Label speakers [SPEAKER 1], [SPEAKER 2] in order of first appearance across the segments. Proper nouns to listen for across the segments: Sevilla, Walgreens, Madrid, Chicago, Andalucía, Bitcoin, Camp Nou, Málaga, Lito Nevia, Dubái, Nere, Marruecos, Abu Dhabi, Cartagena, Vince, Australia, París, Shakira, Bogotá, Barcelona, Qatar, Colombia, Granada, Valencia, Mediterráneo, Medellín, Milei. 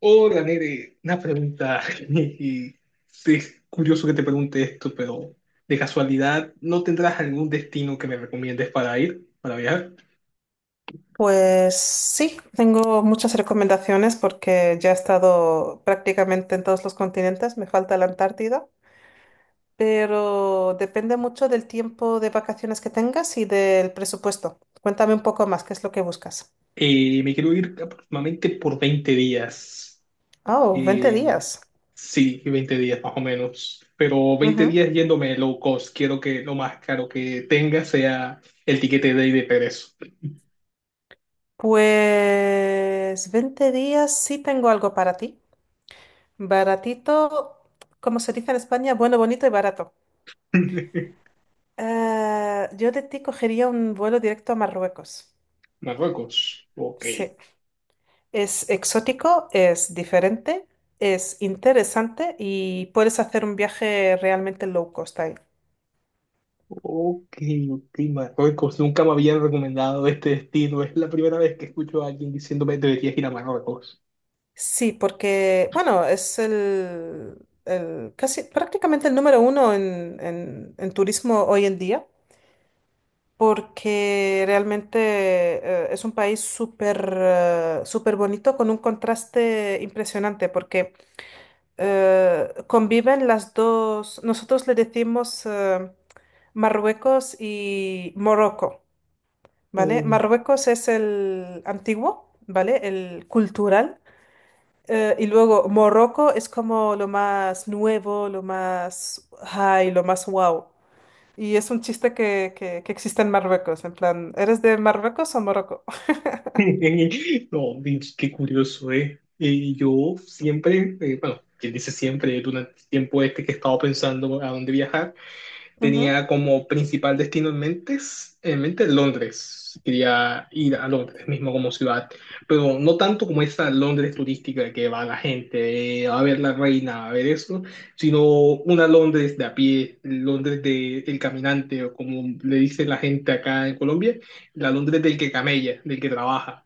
[SPEAKER 1] Hola, Nere, una pregunta. Y sí, es curioso que te pregunte esto, pero de casualidad, ¿no tendrás algún destino que me recomiendes para ir, para viajar?
[SPEAKER 2] Pues sí, tengo muchas recomendaciones porque ya he estado prácticamente en todos los continentes, me falta la Antártida, pero depende mucho del tiempo de vacaciones que tengas y del presupuesto. Cuéntame un poco más, ¿qué es lo que buscas?
[SPEAKER 1] Me quiero ir aproximadamente por 20 días.
[SPEAKER 2] Oh, 20
[SPEAKER 1] Eh,
[SPEAKER 2] días.
[SPEAKER 1] sí, 20 días más o menos. Pero veinte
[SPEAKER 2] Ujú.
[SPEAKER 1] días yéndome low cost. Quiero que lo más caro que tenga sea el tiquete de ida y de regreso.
[SPEAKER 2] Pues 20 días sí tengo algo para ti. Baratito, como se dice en España, bueno, bonito y barato. Yo de ti cogería un vuelo directo a Marruecos.
[SPEAKER 1] Marruecos. Ok.
[SPEAKER 2] Sí. Es exótico, es diferente, es interesante y puedes hacer un viaje realmente low cost ahí.
[SPEAKER 1] Ok, ok, Marruecos. Nunca me habían recomendado este destino. Es la primera vez que escucho a alguien diciéndome deberías ir a Marruecos.
[SPEAKER 2] Sí, porque, bueno, es el casi prácticamente el número uno en, en turismo hoy en día, porque realmente es un país súper súper bonito con un contraste impresionante, porque conviven las dos. Nosotros le decimos Marruecos y Morocco, ¿vale?
[SPEAKER 1] Oh.
[SPEAKER 2] Marruecos es el antiguo, ¿vale? El cultural. Y luego Morocco es como lo más nuevo, lo más high, lo más wow. Y es un chiste que existe en Marruecos, en plan, ¿eres de Marruecos o Morocco?
[SPEAKER 1] No, Vince, qué curioso, ¿eh? Y yo siempre, bueno, quien dice siempre, durante el tiempo este que he estado pensando a dónde viajar.
[SPEAKER 2] Ujú.
[SPEAKER 1] Tenía como principal destino en mente, en mente, Londres. Quería ir a Londres mismo como ciudad, pero no tanto como esa Londres turística que va la gente a ver la reina, a ver eso, sino una Londres de a pie, Londres de el caminante, o como le dice la gente acá en Colombia, la Londres del que camella, del que trabaja.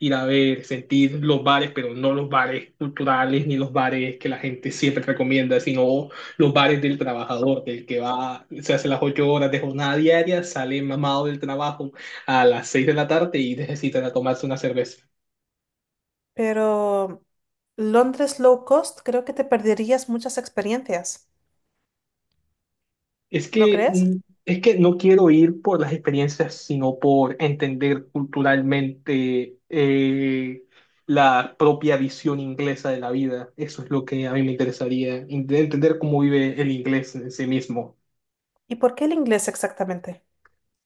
[SPEAKER 1] Ir a ver, sentir los bares, pero no los bares culturales ni los bares que la gente siempre recomienda, sino los bares del trabajador, del que va, se hace las 8 horas de jornada diaria, sale mamado del trabajo a las 6 de la tarde y necesitan a tomarse una cerveza.
[SPEAKER 2] Pero Londres low cost, creo que te perderías muchas experiencias,
[SPEAKER 1] Es
[SPEAKER 2] ¿no
[SPEAKER 1] que,
[SPEAKER 2] crees?
[SPEAKER 1] mm, es que no quiero ir por las experiencias, sino por entender culturalmente la propia visión inglesa de la vida. Eso es lo que a mí me interesaría, entender cómo vive el inglés en sí mismo.
[SPEAKER 2] ¿Y por qué el inglés exactamente?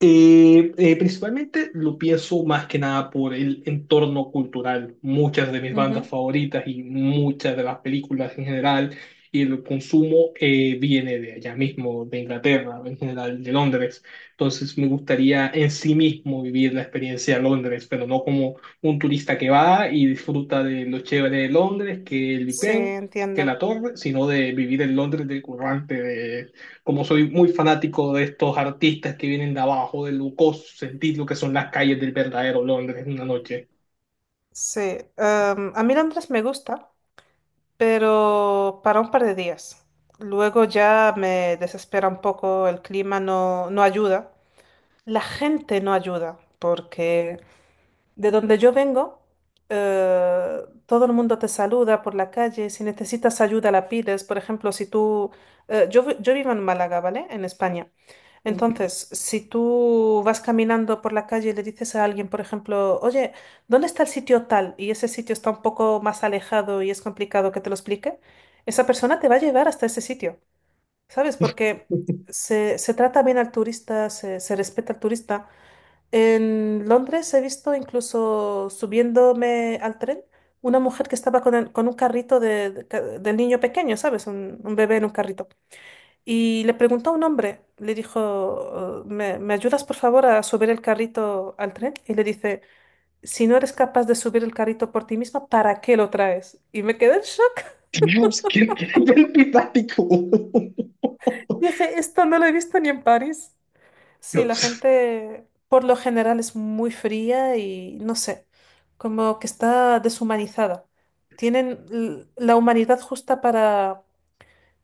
[SPEAKER 1] Principalmente lo pienso más que nada por el entorno cultural. Muchas de mis bandas
[SPEAKER 2] Ujú.
[SPEAKER 1] favoritas y muchas de las películas en general y el consumo viene de allá mismo, de Inglaterra, en general de Londres. Entonces me gustaría en sí mismo vivir la experiencia de Londres, pero no como un turista que va y disfruta de lo chévere de Londres, que el Big
[SPEAKER 2] Sí,
[SPEAKER 1] Ben, que la
[SPEAKER 2] entiendo.
[SPEAKER 1] Torre, sino de vivir el Londres del currante como soy muy fanático de estos artistas que vienen de abajo, de Lucos, sentir lo que son las calles del verdadero Londres en una noche.
[SPEAKER 2] Sí. A mí Londres me gusta, pero para un par de días. Luego ya me desespera un poco, el clima no, no ayuda. La gente no ayuda, porque de donde yo vengo, eh, todo el mundo te saluda por la calle. Si necesitas ayuda, la pides. Por ejemplo, si tú... yo, vi- yo vivo en Málaga, ¿vale? En España.
[SPEAKER 1] Okay.
[SPEAKER 2] Entonces, si tú vas caminando por la calle y le dices a alguien, por ejemplo, oye, ¿dónde está el sitio tal? Y ese sitio está un poco más alejado y es complicado que te lo explique, esa persona te va a llevar hasta ese sitio, ¿sabes? Porque se trata bien al turista, se respeta al turista. En Londres he visto, incluso subiéndome al tren, una mujer que estaba con un carrito del niño pequeño, ¿sabes? Un bebé en un carrito. Y le preguntó a un hombre, le dijo: "Oh, me ayudas, por favor, a subir el carrito al tren?". Y le dice: "Si no eres capaz de subir el carrito por ti misma, ¿para qué lo traes?". Y me quedé en shock.
[SPEAKER 1] Dios, qué, qué antipático.
[SPEAKER 2] Dije, esto no lo he visto ni en París. Sí, la
[SPEAKER 1] Dios,
[SPEAKER 2] gente por lo general es muy fría y no sé, como que está deshumanizada. Tienen la humanidad justa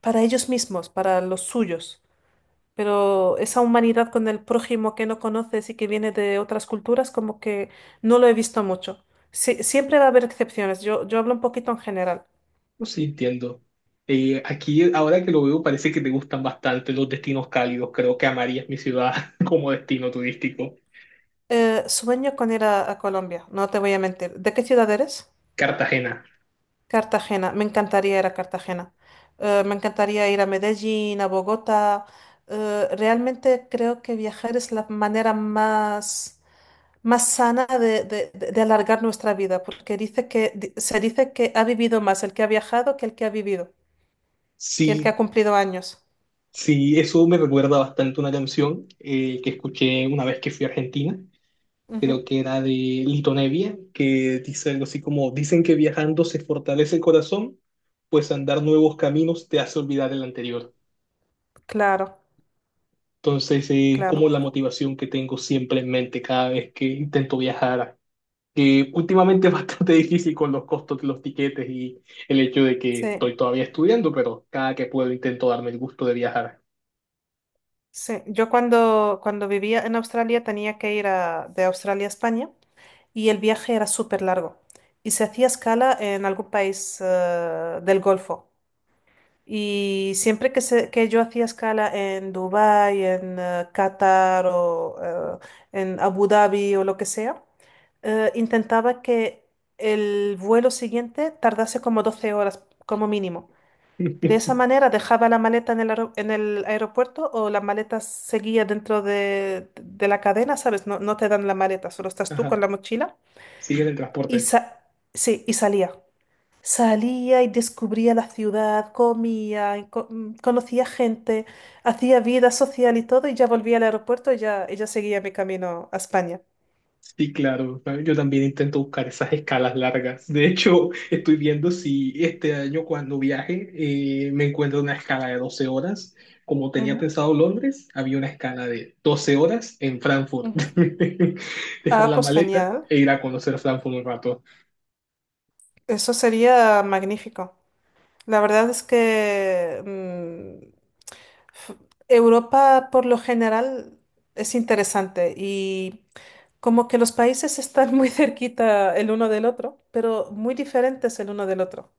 [SPEAKER 2] para ellos mismos, para los suyos. Pero esa humanidad con el prójimo que no conoces y que viene de otras culturas, como que no lo he visto mucho. Sí, siempre va a haber excepciones. Yo hablo un poquito en general.
[SPEAKER 1] no sé, entiendo. Aquí, ahora que lo veo, parece que te gustan bastante los destinos cálidos. Creo que amarías mi ciudad como destino turístico.
[SPEAKER 2] Sueño con ir a Colombia, no te voy a mentir. ¿De qué ciudad eres?
[SPEAKER 1] Cartagena.
[SPEAKER 2] Cartagena. Me encantaría ir a Cartagena. Me encantaría ir a Medellín, a Bogotá. Realmente creo que viajar es la manera más sana de alargar nuestra vida, porque se dice que ha vivido más el que ha viajado que el que ha vivido, que el que
[SPEAKER 1] Sí,
[SPEAKER 2] ha cumplido años.
[SPEAKER 1] sí, eso me recuerda bastante una canción que escuché una vez que fui a Argentina, creo
[SPEAKER 2] Ujú.
[SPEAKER 1] que era de Lito Nevia, que dice algo así como, dicen que viajando se fortalece el corazón, pues andar nuevos caminos te hace olvidar el anterior.
[SPEAKER 2] Claro,
[SPEAKER 1] Entonces es como
[SPEAKER 2] claro.
[SPEAKER 1] la motivación que tengo siempre en mente cada vez que intento viajar, que últimamente es bastante difícil con los costos de los tiquetes y el hecho de que
[SPEAKER 2] Sí,
[SPEAKER 1] estoy todavía estudiando, pero cada que puedo intento darme el gusto de viajar.
[SPEAKER 2] sí. Yo cuando vivía en Australia tenía que de Australia a España, y el viaje era súper largo y se hacía escala en algún país del Golfo. Y siempre que yo hacía escala en Dubái, en Qatar o en Abu Dhabi o lo que sea, intentaba que el vuelo siguiente tardase como 12 horas como mínimo. De esa manera dejaba la maleta en el aeropuerto, o la maleta seguía dentro de la cadena, ¿sabes? No, no te dan la maleta, solo estás tú
[SPEAKER 1] Ajá,
[SPEAKER 2] con la mochila.
[SPEAKER 1] sigue en el
[SPEAKER 2] Y,
[SPEAKER 1] transporte.
[SPEAKER 2] sa- sí, y salía. Salía y descubría la ciudad, comía, y conocía gente, hacía vida social y todo, y ya volvía al aeropuerto y ya ella seguía mi camino a España.
[SPEAKER 1] Sí, claro, yo también intento buscar esas escalas largas. De hecho, estoy viendo si este año cuando viaje me encuentro una escala de 12 horas. Como tenía
[SPEAKER 2] Ujú,
[SPEAKER 1] pensado Londres, había una escala de 12 horas en Frankfurt.
[SPEAKER 2] ujú.
[SPEAKER 1] Dejar
[SPEAKER 2] Ah,
[SPEAKER 1] la
[SPEAKER 2] pues
[SPEAKER 1] maleta
[SPEAKER 2] genial.
[SPEAKER 1] e ir a conocer Frankfurt un rato.
[SPEAKER 2] Eso sería magnífico. La verdad es que f- Europa por lo general es interesante y como que los países están muy cerquita el uno del otro, pero muy diferentes el uno del otro.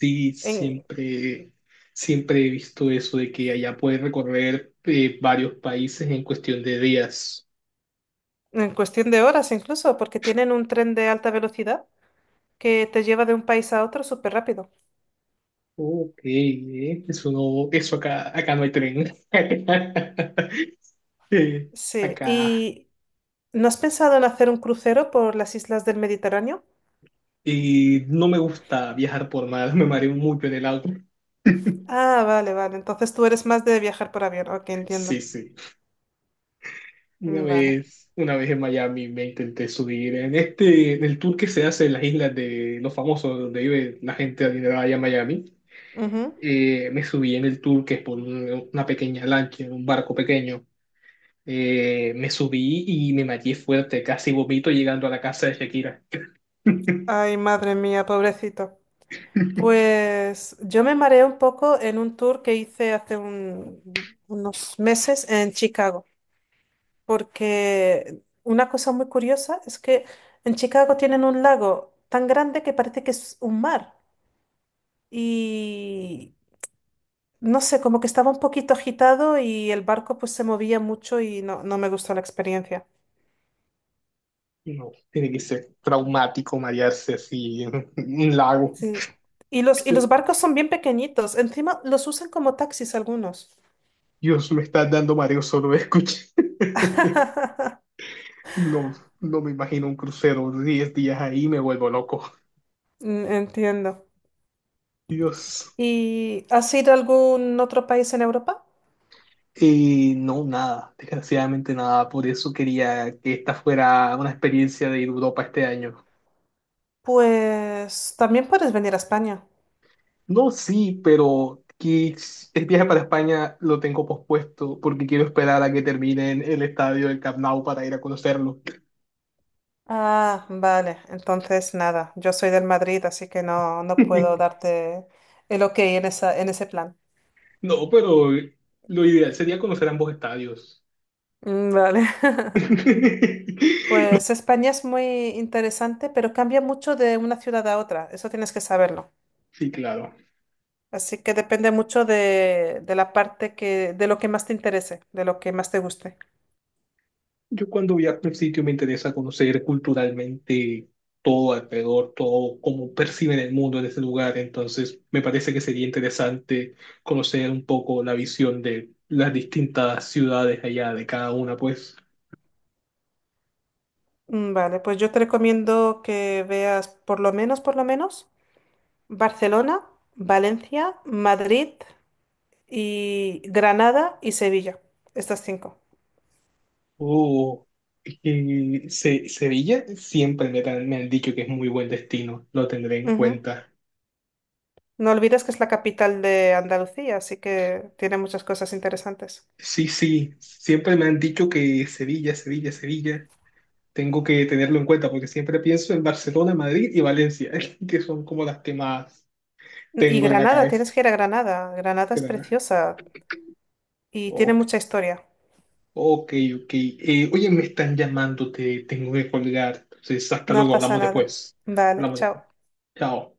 [SPEAKER 1] Sí, siempre, siempre he visto eso de que allá puedes recorrer varios países en cuestión de días.
[SPEAKER 2] En cuestión de horas incluso, porque tienen un tren de alta velocidad que te lleva de un país a otro súper rápido.
[SPEAKER 1] Ok, eso no, eso acá, acá no hay tren. Eh,
[SPEAKER 2] Sí,
[SPEAKER 1] acá.
[SPEAKER 2] ¿y no has pensado en hacer un crucero por las islas del Mediterráneo?
[SPEAKER 1] Y no me gusta viajar por mar, me mareo mucho en el auto.
[SPEAKER 2] Ah, vale, vale. Entonces tú eres más de viajar por avión. Ok,
[SPEAKER 1] Sí,
[SPEAKER 2] entiendo.
[SPEAKER 1] sí.
[SPEAKER 2] Mm. Vale.
[SPEAKER 1] Una vez en Miami me intenté subir en este, en el tour que se hace en las islas de los famosos, donde vive la gente adinerada allá en Miami.
[SPEAKER 2] Ujú.
[SPEAKER 1] Me subí en el tour que es por una pequeña lancha, en un barco pequeño. Me subí y me mareé fuerte, casi vomito llegando a la casa de Shakira.
[SPEAKER 2] Ay, madre mía, pobrecito. Pues yo me mareé un poco en un tour que hice hace unos meses en Chicago, porque una cosa muy curiosa es que en Chicago tienen un lago tan grande que parece que es un mar y no sé, como que estaba un poquito agitado y el barco pues se movía mucho y no, no me gustó la experiencia.
[SPEAKER 1] No, tiene que ser traumático marearse así en un lago,
[SPEAKER 2] Sí. Y los, y
[SPEAKER 1] tío.
[SPEAKER 2] los barcos son bien pequeñitos, encima los usan como taxis algunos.
[SPEAKER 1] Dios, me está dando mareo solo de escuchar. No, no me imagino un crucero 10 días ahí, me vuelvo loco.
[SPEAKER 2] Mm. Entiendo.
[SPEAKER 1] Dios.
[SPEAKER 2] ¿Y has ido a algún otro país en Europa?
[SPEAKER 1] No, nada, desgraciadamente nada. Por eso quería que esta fuera una experiencia de ir a Europa este año.
[SPEAKER 2] Pues también puedes venir a España.
[SPEAKER 1] No, sí, pero que el viaje para España lo tengo pospuesto porque quiero esperar a que terminen el estadio del Camp Nou para ir a conocerlo.
[SPEAKER 2] Ah, vale. Entonces, nada, yo soy del Madrid, así que no, no puedo darte el ok en esa, en ese plan.
[SPEAKER 1] No, pero lo ideal sería conocer ambos estadios.
[SPEAKER 2] Mm. Vale.
[SPEAKER 1] No,
[SPEAKER 2] Pues España es muy interesante, pero cambia mucho de una ciudad a otra, eso tienes que saberlo.
[SPEAKER 1] sí, claro.
[SPEAKER 2] Así que depende mucho de la parte que, de lo que más te interese, de lo que más te guste.
[SPEAKER 1] Yo cuando viajo a un sitio me interesa conocer culturalmente todo alrededor, todo cómo perciben el mundo en ese lugar. Entonces, me parece que sería interesante conocer un poco la visión de las distintas ciudades allá de cada una, pues.
[SPEAKER 2] Mm. Vale, pues yo te recomiendo que veas, por lo menos, Barcelona, Valencia, Madrid y Granada y Sevilla, estas cinco.
[SPEAKER 1] Oh, y Sevilla siempre me, me han dicho que es muy buen destino, lo tendré en
[SPEAKER 2] Ujú.
[SPEAKER 1] cuenta.
[SPEAKER 2] No olvides que es la capital de Andalucía, así que tiene muchas cosas interesantes.
[SPEAKER 1] Sí, sí, siempre me han dicho que Sevilla, Sevilla, Sevilla. Tengo que tenerlo en cuenta porque siempre pienso en Barcelona, Madrid y Valencia, que son como las que más
[SPEAKER 2] Y
[SPEAKER 1] tengo en la
[SPEAKER 2] Granada,
[SPEAKER 1] cabeza.
[SPEAKER 2] tienes que ir a Granada. Granada es
[SPEAKER 1] Pero,
[SPEAKER 2] preciosa y tiene
[SPEAKER 1] ok,
[SPEAKER 2] mucha historia.
[SPEAKER 1] ok. Oye, me están llamando, te tengo que colgar. Entonces, hasta
[SPEAKER 2] No
[SPEAKER 1] luego,
[SPEAKER 2] pasa
[SPEAKER 1] hablamos
[SPEAKER 2] nada.
[SPEAKER 1] después.
[SPEAKER 2] Vale,
[SPEAKER 1] Hablamos después.
[SPEAKER 2] chao.
[SPEAKER 1] Chao.